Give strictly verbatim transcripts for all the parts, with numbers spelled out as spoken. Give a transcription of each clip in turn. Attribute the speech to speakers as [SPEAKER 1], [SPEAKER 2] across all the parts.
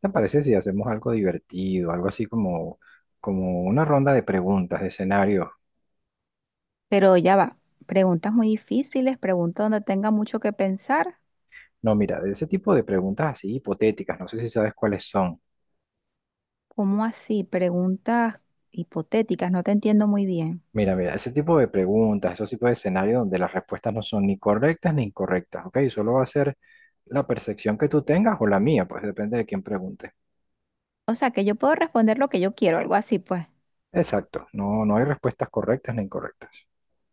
[SPEAKER 1] ¿Te parece si hacemos algo divertido, algo así como, como una ronda de preguntas, de escenarios?
[SPEAKER 2] Pero ya va, preguntas muy difíciles, preguntas donde tenga mucho que pensar.
[SPEAKER 1] No, mira, de ese tipo de preguntas así hipotéticas, no sé si sabes cuáles son.
[SPEAKER 2] ¿Cómo así? Preguntas hipotéticas, no te entiendo muy bien.
[SPEAKER 1] Mira, mira, ese tipo de preguntas, esos tipos de escenarios donde las respuestas no son ni correctas ni incorrectas, ¿ok? Solo va a ser la percepción que tú tengas o la mía, pues depende de quién pregunte.
[SPEAKER 2] O sea, que yo puedo responder lo que yo quiero, algo así, pues.
[SPEAKER 1] Exacto, no, no hay respuestas correctas ni incorrectas.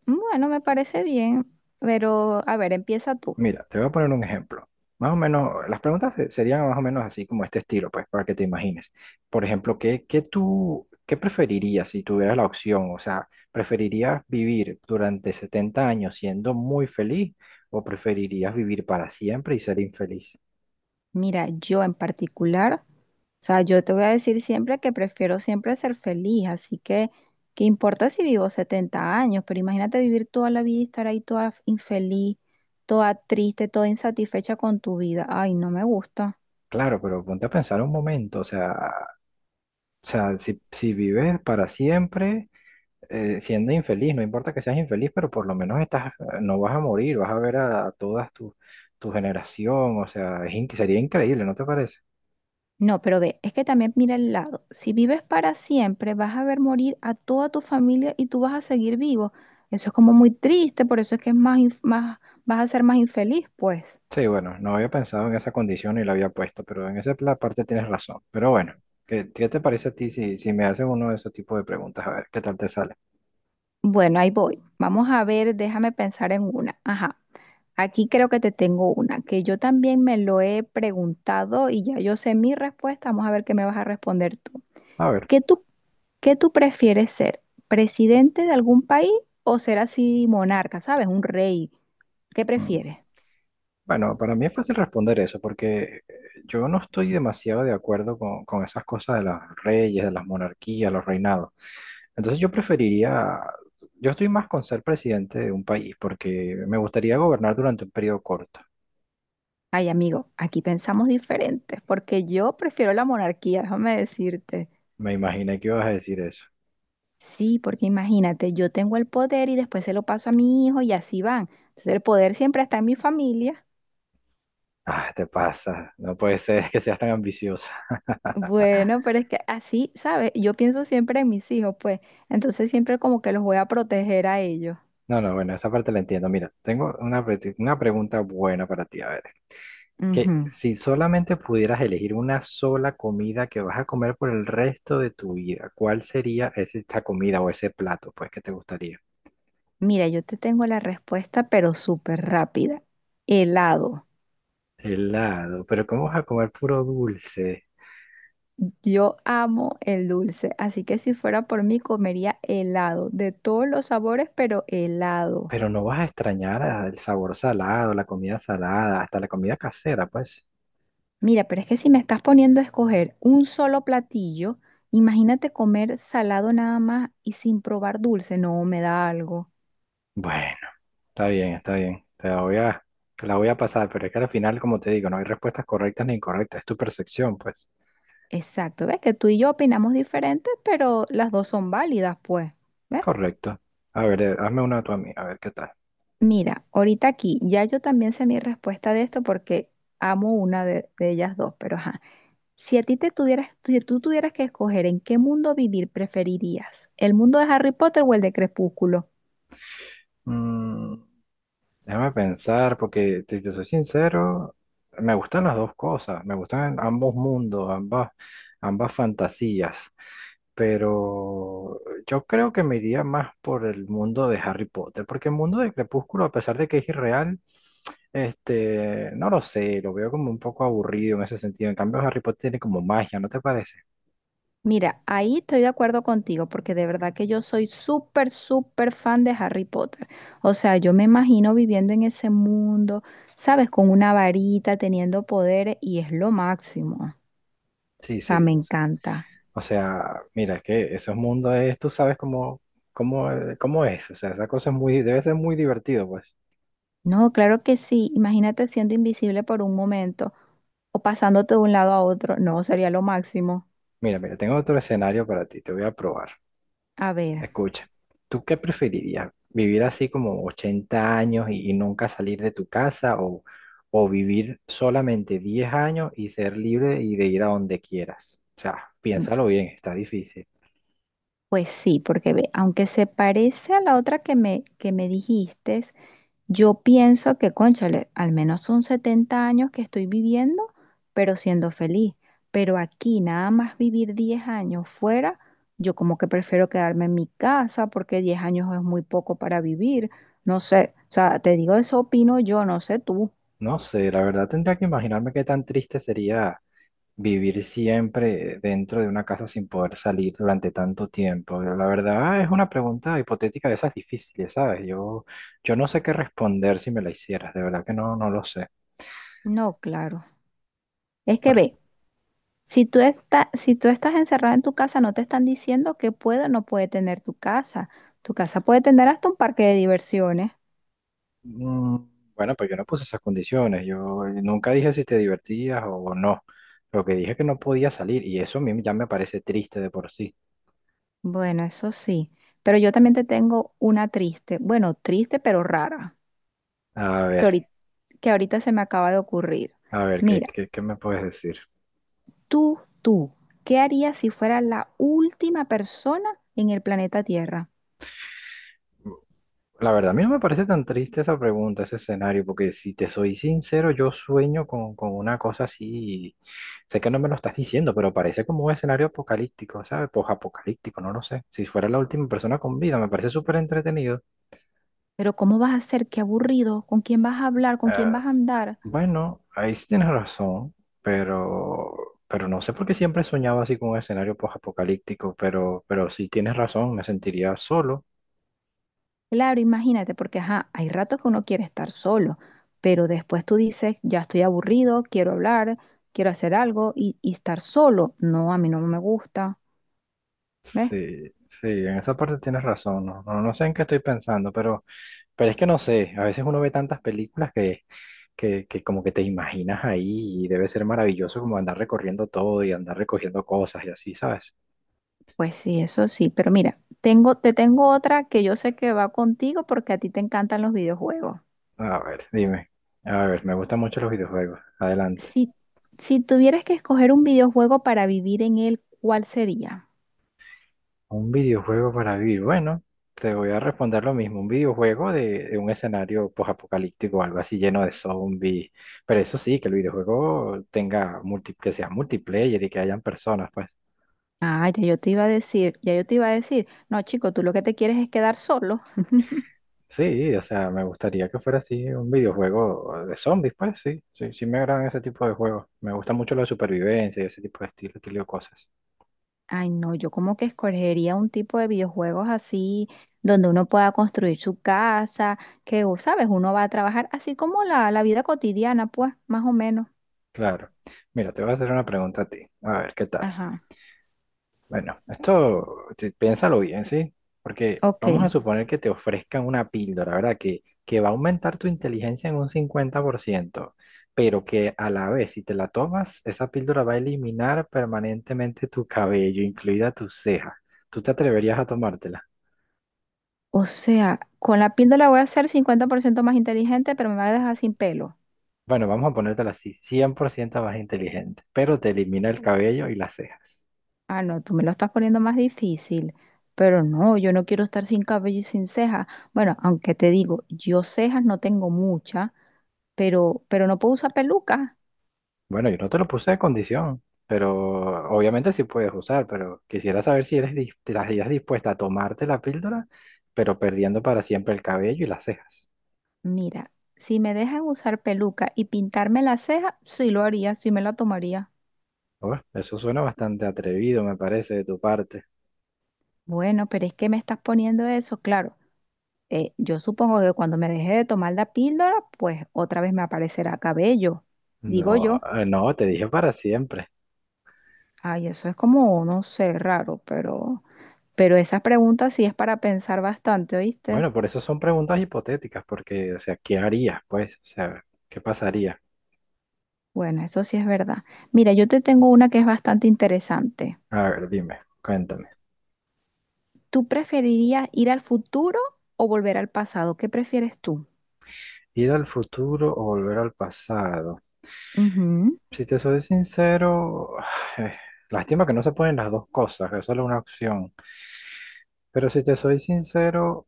[SPEAKER 2] Bueno, me parece bien, pero a ver, empieza tú.
[SPEAKER 1] Mira, te voy a poner un ejemplo. Más o menos, las preguntas se- serían más o menos así como este estilo, pues, para que te imagines. Por ejemplo, ¿qué, qué tú, qué preferirías si tuvieras la opción? O sea, ¿preferirías vivir durante setenta años siendo muy feliz o preferirías vivir para siempre y ser infeliz?
[SPEAKER 2] Mira, yo en particular, o sea, yo te voy a decir siempre que prefiero siempre ser feliz, así que, ¿qué importa si vivo setenta años? Pero imagínate vivir toda la vida y estar ahí toda infeliz, toda triste, toda insatisfecha con tu vida. Ay, no me gusta.
[SPEAKER 1] Claro, pero ponte a pensar un momento, o sea, o sea, si, si vives para siempre... eh, siendo infeliz, no importa que seas infeliz, pero por lo menos estás, eh, no vas a morir, vas a ver a, todas tu, tu generación, o sea, es in- sería increíble, ¿no te parece?
[SPEAKER 2] No, pero ve, es que también mira el lado. Si vives para siempre, vas a ver morir a toda tu familia y tú vas a seguir vivo. Eso es como muy triste, por eso es que es más, inf- más, vas a ser más infeliz, pues.
[SPEAKER 1] Sí, bueno, no había pensado en esa condición y la había puesto, pero en esa pla- parte tienes razón. Pero bueno, ¿qué, qué te parece a ti si, si me haces uno de esos tipos de preguntas? A ver, ¿qué tal te sale?
[SPEAKER 2] Bueno, ahí voy. Vamos a ver, déjame pensar en una. Ajá, aquí creo que te tengo una, que yo también me lo he preguntado y ya yo sé mi respuesta. Vamos a ver qué me vas a responder tú.
[SPEAKER 1] A ver,
[SPEAKER 2] ¿Qué tú, qué tú prefieres ser? ¿Presidente de algún país o ser así monarca, sabes? Un rey. ¿Qué
[SPEAKER 1] mm,
[SPEAKER 2] prefieres?
[SPEAKER 1] bueno, para mí es fácil responder eso, porque eh, yo no estoy demasiado de acuerdo con, con esas cosas de los reyes, de las monarquías, los reinados. Entonces yo preferiría, yo estoy más con ser presidente de un país porque me gustaría gobernar durante un periodo corto.
[SPEAKER 2] Ay, amigo, aquí pensamos diferentes, porque yo prefiero la monarquía, déjame decirte.
[SPEAKER 1] Me imaginé que ibas a decir eso.
[SPEAKER 2] Sí, porque imagínate, yo tengo el poder y después se lo paso a mi hijo y así van. Entonces el poder siempre está en mi familia.
[SPEAKER 1] Ah, te pasa, no puede ser que seas tan ambiciosa.
[SPEAKER 2] Bueno, pero es que así, ¿sabes? Yo pienso siempre en mis hijos, pues. Entonces siempre como que los voy a proteger a ellos.
[SPEAKER 1] No, no, bueno, esa parte la entiendo. Mira, tengo una, pre- una pregunta buena para ti. A ver, que
[SPEAKER 2] Ujú.
[SPEAKER 1] si solamente pudieras elegir una sola comida que vas a comer por el resto de tu vida, ¿cuál sería ese- esta comida o ese plato, pues, que te gustaría?
[SPEAKER 2] Mira, yo te tengo la respuesta, pero súper rápida. Helado.
[SPEAKER 1] Helado, pero ¿cómo vas a comer puro dulce?
[SPEAKER 2] Yo amo el dulce, así que si fuera por mí comería helado, de todos los sabores, pero helado.
[SPEAKER 1] Pero no vas a extrañar a- el sabor salado, la comida salada, hasta la comida casera, pues.
[SPEAKER 2] Mira, pero es que si me estás poniendo a escoger un solo platillo, imagínate comer salado nada más y sin probar dulce, no me da algo.
[SPEAKER 1] Bueno, está bien, está bien. Te la voy a, te la voy a pasar, pero es que al final, como te digo, no hay respuestas correctas ni incorrectas. Es tu percepción, pues.
[SPEAKER 2] Exacto, ves que tú y yo opinamos diferentes, pero las dos son válidas, pues, ¿ves?
[SPEAKER 1] Correcto. A ver, eh, hazme una tú a mí, a ver qué tal.
[SPEAKER 2] Mira, ahorita aquí, ya yo también sé mi respuesta de esto porque amo una de, de ellas dos, pero ajá. Si a ti te tuvieras, si tú tuvieras que escoger en qué mundo vivir, preferirías el mundo de Harry Potter o el de Crepúsculo.
[SPEAKER 1] Mm, déjame pensar, porque si te soy sincero, me gustan las dos cosas, me gustan ambos mundos, ambas, ambas fantasías, pero yo creo que me iría más por el mundo de Harry Potter, porque el mundo de Crepúsculo, a pesar de que es irreal, este, no lo sé, lo veo como un poco aburrido en ese sentido. En cambio, Harry Potter tiene como magia, ¿no te parece?
[SPEAKER 2] Mira, ahí estoy de acuerdo contigo porque de verdad que yo soy súper, súper fan de Harry Potter. O sea, yo me imagino viviendo en ese mundo, ¿sabes? Con una varita, teniendo poderes y es lo máximo.
[SPEAKER 1] Sí,
[SPEAKER 2] O sea,
[SPEAKER 1] sí,
[SPEAKER 2] me
[SPEAKER 1] o sea,
[SPEAKER 2] encanta.
[SPEAKER 1] o sea, mira, es que esos mundos es, tú sabes cómo, cómo, eh, cómo es, o sea, esa cosa es muy, debe ser muy divertido, pues.
[SPEAKER 2] No, claro que sí. Imagínate siendo invisible por un momento o pasándote de un lado a otro. No, sería lo máximo.
[SPEAKER 1] Mira, mira, tengo otro escenario para ti, te voy a probar.
[SPEAKER 2] A ver.
[SPEAKER 1] Escucha, ¿tú qué preferirías? ¿Vivir así como ochenta años y, y nunca salir de tu casa o, o vivir solamente diez años y ser libre y de ir a donde quieras? O sea, piénsalo bien, está difícil.
[SPEAKER 2] Pues sí, porque ve, aunque se parece a la otra que me, que me dijiste, yo pienso que, cónchale, al menos son setenta años que estoy viviendo, pero siendo feliz. Pero aquí nada más vivir diez años fuera, yo como que prefiero quedarme en mi casa porque diez años es muy poco para vivir. No sé, o sea, te digo, eso opino yo, no sé tú.
[SPEAKER 1] No sé, la verdad tendría que imaginarme qué tan triste sería vivir siempre dentro de una casa sin poder salir durante tanto tiempo. La verdad es una pregunta hipotética de esas difíciles, ¿sabes? Yo, yo no sé qué responder si me la hicieras, de verdad que no, no lo sé.
[SPEAKER 2] No, claro. Es que
[SPEAKER 1] Porque,
[SPEAKER 2] ve, Si tú estás, si tú estás encerrado en tu casa, no te están diciendo que puede o no puede tener tu casa. Tu casa puede tener hasta un parque de diversiones.
[SPEAKER 1] mm, bueno, pues yo no puse esas condiciones, yo nunca dije si te divertías o no. Lo que dije es que no podía salir y eso a mí ya me parece triste de por sí.
[SPEAKER 2] Bueno, eso sí. Pero yo también te tengo una triste, bueno, triste pero rara,
[SPEAKER 1] A
[SPEAKER 2] que
[SPEAKER 1] ver,
[SPEAKER 2] ahorita, que ahorita se me acaba de ocurrir.
[SPEAKER 1] a ver, ¿qué,
[SPEAKER 2] Mira,
[SPEAKER 1] qué, qué me puedes decir?
[SPEAKER 2] tú, tú, ¿qué harías si fueras la última persona en el planeta Tierra?
[SPEAKER 1] La verdad, a mí no me parece tan triste esa pregunta, ese escenario, porque si te soy sincero, yo sueño con, con una cosa así, sé que no me lo estás diciendo, pero parece como un escenario apocalíptico, ¿sabes? Apocalíptico no lo sé. Si fuera la última persona con vida, me parece súper entretenido.
[SPEAKER 2] Pero ¿cómo vas a ser? Qué aburrido. ¿Con quién vas a hablar? ¿Con
[SPEAKER 1] Eh,
[SPEAKER 2] quién vas a andar?
[SPEAKER 1] bueno, ahí sí tienes razón, pero, pero no sé por qué siempre he soñado así con un escenario apocalíptico pero, pero sí tienes razón, me sentiría solo.
[SPEAKER 2] Claro, imagínate, porque ajá, hay ratos que uno quiere estar solo, pero después tú dices, ya estoy aburrido, quiero hablar, quiero hacer algo y, y estar solo. No, a mí no me gusta, ¿ves?
[SPEAKER 1] Sí, sí, en esa parte tienes razón, no, no, no sé en qué estoy pensando, pero... Pero es que no sé, a veces uno ve tantas películas que, que, que como que te imaginas ahí y debe ser maravilloso como andar recorriendo todo y andar recogiendo cosas y así, ¿sabes?
[SPEAKER 2] Pues sí, eso sí, pero mira, tengo, te tengo otra que yo sé que va contigo porque a ti te encantan los videojuegos.
[SPEAKER 1] A ver, dime. A ver, me gustan mucho los videojuegos. Adelante.
[SPEAKER 2] Si, si tuvieras que escoger un videojuego para vivir en él, ¿cuál sería?
[SPEAKER 1] Un videojuego para vivir. Bueno, te voy a responder lo mismo. Un videojuego de, de un escenario posapocalíptico o algo así lleno de zombies. Pero eso sí, que el videojuego tenga multi, que sea multiplayer y que hayan personas, pues.
[SPEAKER 2] Ah, ya yo te iba a decir, ya yo te iba a decir, no, chico, tú lo que te quieres es quedar solo.
[SPEAKER 1] Sí, o sea, me gustaría que fuera así un videojuego de zombies, pues sí, sí, sí me agradan ese tipo de juegos. Me gusta mucho la supervivencia y ese tipo de estilo, estilo de cosas.
[SPEAKER 2] Ay, no, yo como que escogería un tipo de videojuegos así, donde uno pueda construir su casa, que, o, sabes, uno va a trabajar así como la, la vida cotidiana, pues, más o menos.
[SPEAKER 1] Claro. Mira, te voy a hacer una pregunta a ti. A ver, ¿qué tal?
[SPEAKER 2] Ajá,
[SPEAKER 1] Bueno, esto, sí, piénsalo bien, ¿sí? Porque
[SPEAKER 2] ok.
[SPEAKER 1] vamos a suponer que te ofrezcan una píldora, ¿verdad? Que, que va a aumentar tu inteligencia en un cincuenta por ciento, pero que a la vez, si te la tomas, esa píldora va a eliminar permanentemente tu cabello, incluida tu ceja. ¿Tú te atreverías a tomártela?
[SPEAKER 2] O sea, con la píldora voy a ser cincuenta por ciento más inteligente, pero me va a dejar sin pelo.
[SPEAKER 1] Bueno, vamos a ponértela así, cien por ciento más inteligente, pero te elimina el cabello y las cejas.
[SPEAKER 2] Ah, no, tú me lo estás poniendo más difícil. Pero no, yo no quiero estar sin cabello y sin cejas. Bueno, aunque te digo, yo cejas no tengo muchas, pero, pero no puedo usar pelucas.
[SPEAKER 1] Bueno, yo no te lo puse de condición, pero obviamente sí puedes usar, pero quisiera saber si eres dis- te las ideas dispuesta a tomarte la píldora, pero perdiendo para siempre el cabello y las cejas.
[SPEAKER 2] Mira, si me dejan usar peluca y pintarme la ceja, sí lo haría, sí me la tomaría.
[SPEAKER 1] Uf, eso suena bastante atrevido, me parece, de tu parte.
[SPEAKER 2] Bueno, pero es que me estás poniendo eso, claro. Eh, yo supongo que cuando me deje de tomar la píldora, pues otra vez me aparecerá cabello, digo
[SPEAKER 1] No,
[SPEAKER 2] yo.
[SPEAKER 1] eh, no, te dije para siempre.
[SPEAKER 2] Ay, eso es como, no sé, raro, pero, pero, esa pregunta sí es para pensar bastante, ¿oíste?
[SPEAKER 1] Bueno, por eso son preguntas hipotéticas, porque, o sea, ¿qué harías, pues? O sea, ¿qué pasaría?
[SPEAKER 2] Bueno, eso sí es verdad. Mira, yo te tengo una que es bastante interesante.
[SPEAKER 1] A ver, dime, cuéntame.
[SPEAKER 2] ¿Tú preferirías ir al futuro o volver al pasado? ¿Qué prefieres tú?
[SPEAKER 1] ¿Ir al futuro o volver al pasado?
[SPEAKER 2] Ujú.
[SPEAKER 1] Si te soy sincero, eh, lástima que no se pueden las dos cosas, que solo una opción. Pero si te soy sincero,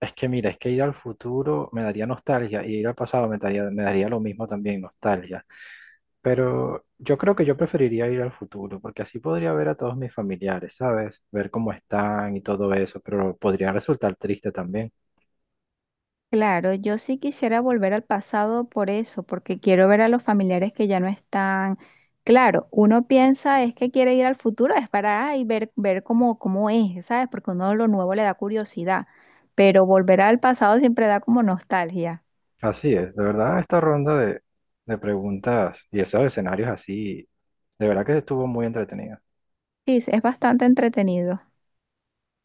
[SPEAKER 1] es que mira, es que ir al futuro me daría nostalgia y ir al pasado me daría, me daría lo mismo también, nostalgia. Pero yo creo que yo preferiría ir al futuro, porque así podría ver a todos mis familiares, ¿sabes? Ver cómo están y todo eso, pero podría resultar triste también.
[SPEAKER 2] Claro, yo sí quisiera volver al pasado por eso, porque quiero ver a los familiares que ya no están. Claro, uno piensa es que quiere ir al futuro, es para ay, ver, ver cómo, cómo es, ¿sabes? Porque uno lo nuevo le da curiosidad, pero volver al pasado siempre da como nostalgia.
[SPEAKER 1] Así es, de verdad esta ronda de, de preguntas y esos escenarios así, de verdad que estuvo muy entretenida.
[SPEAKER 2] Sí, es es bastante entretenido.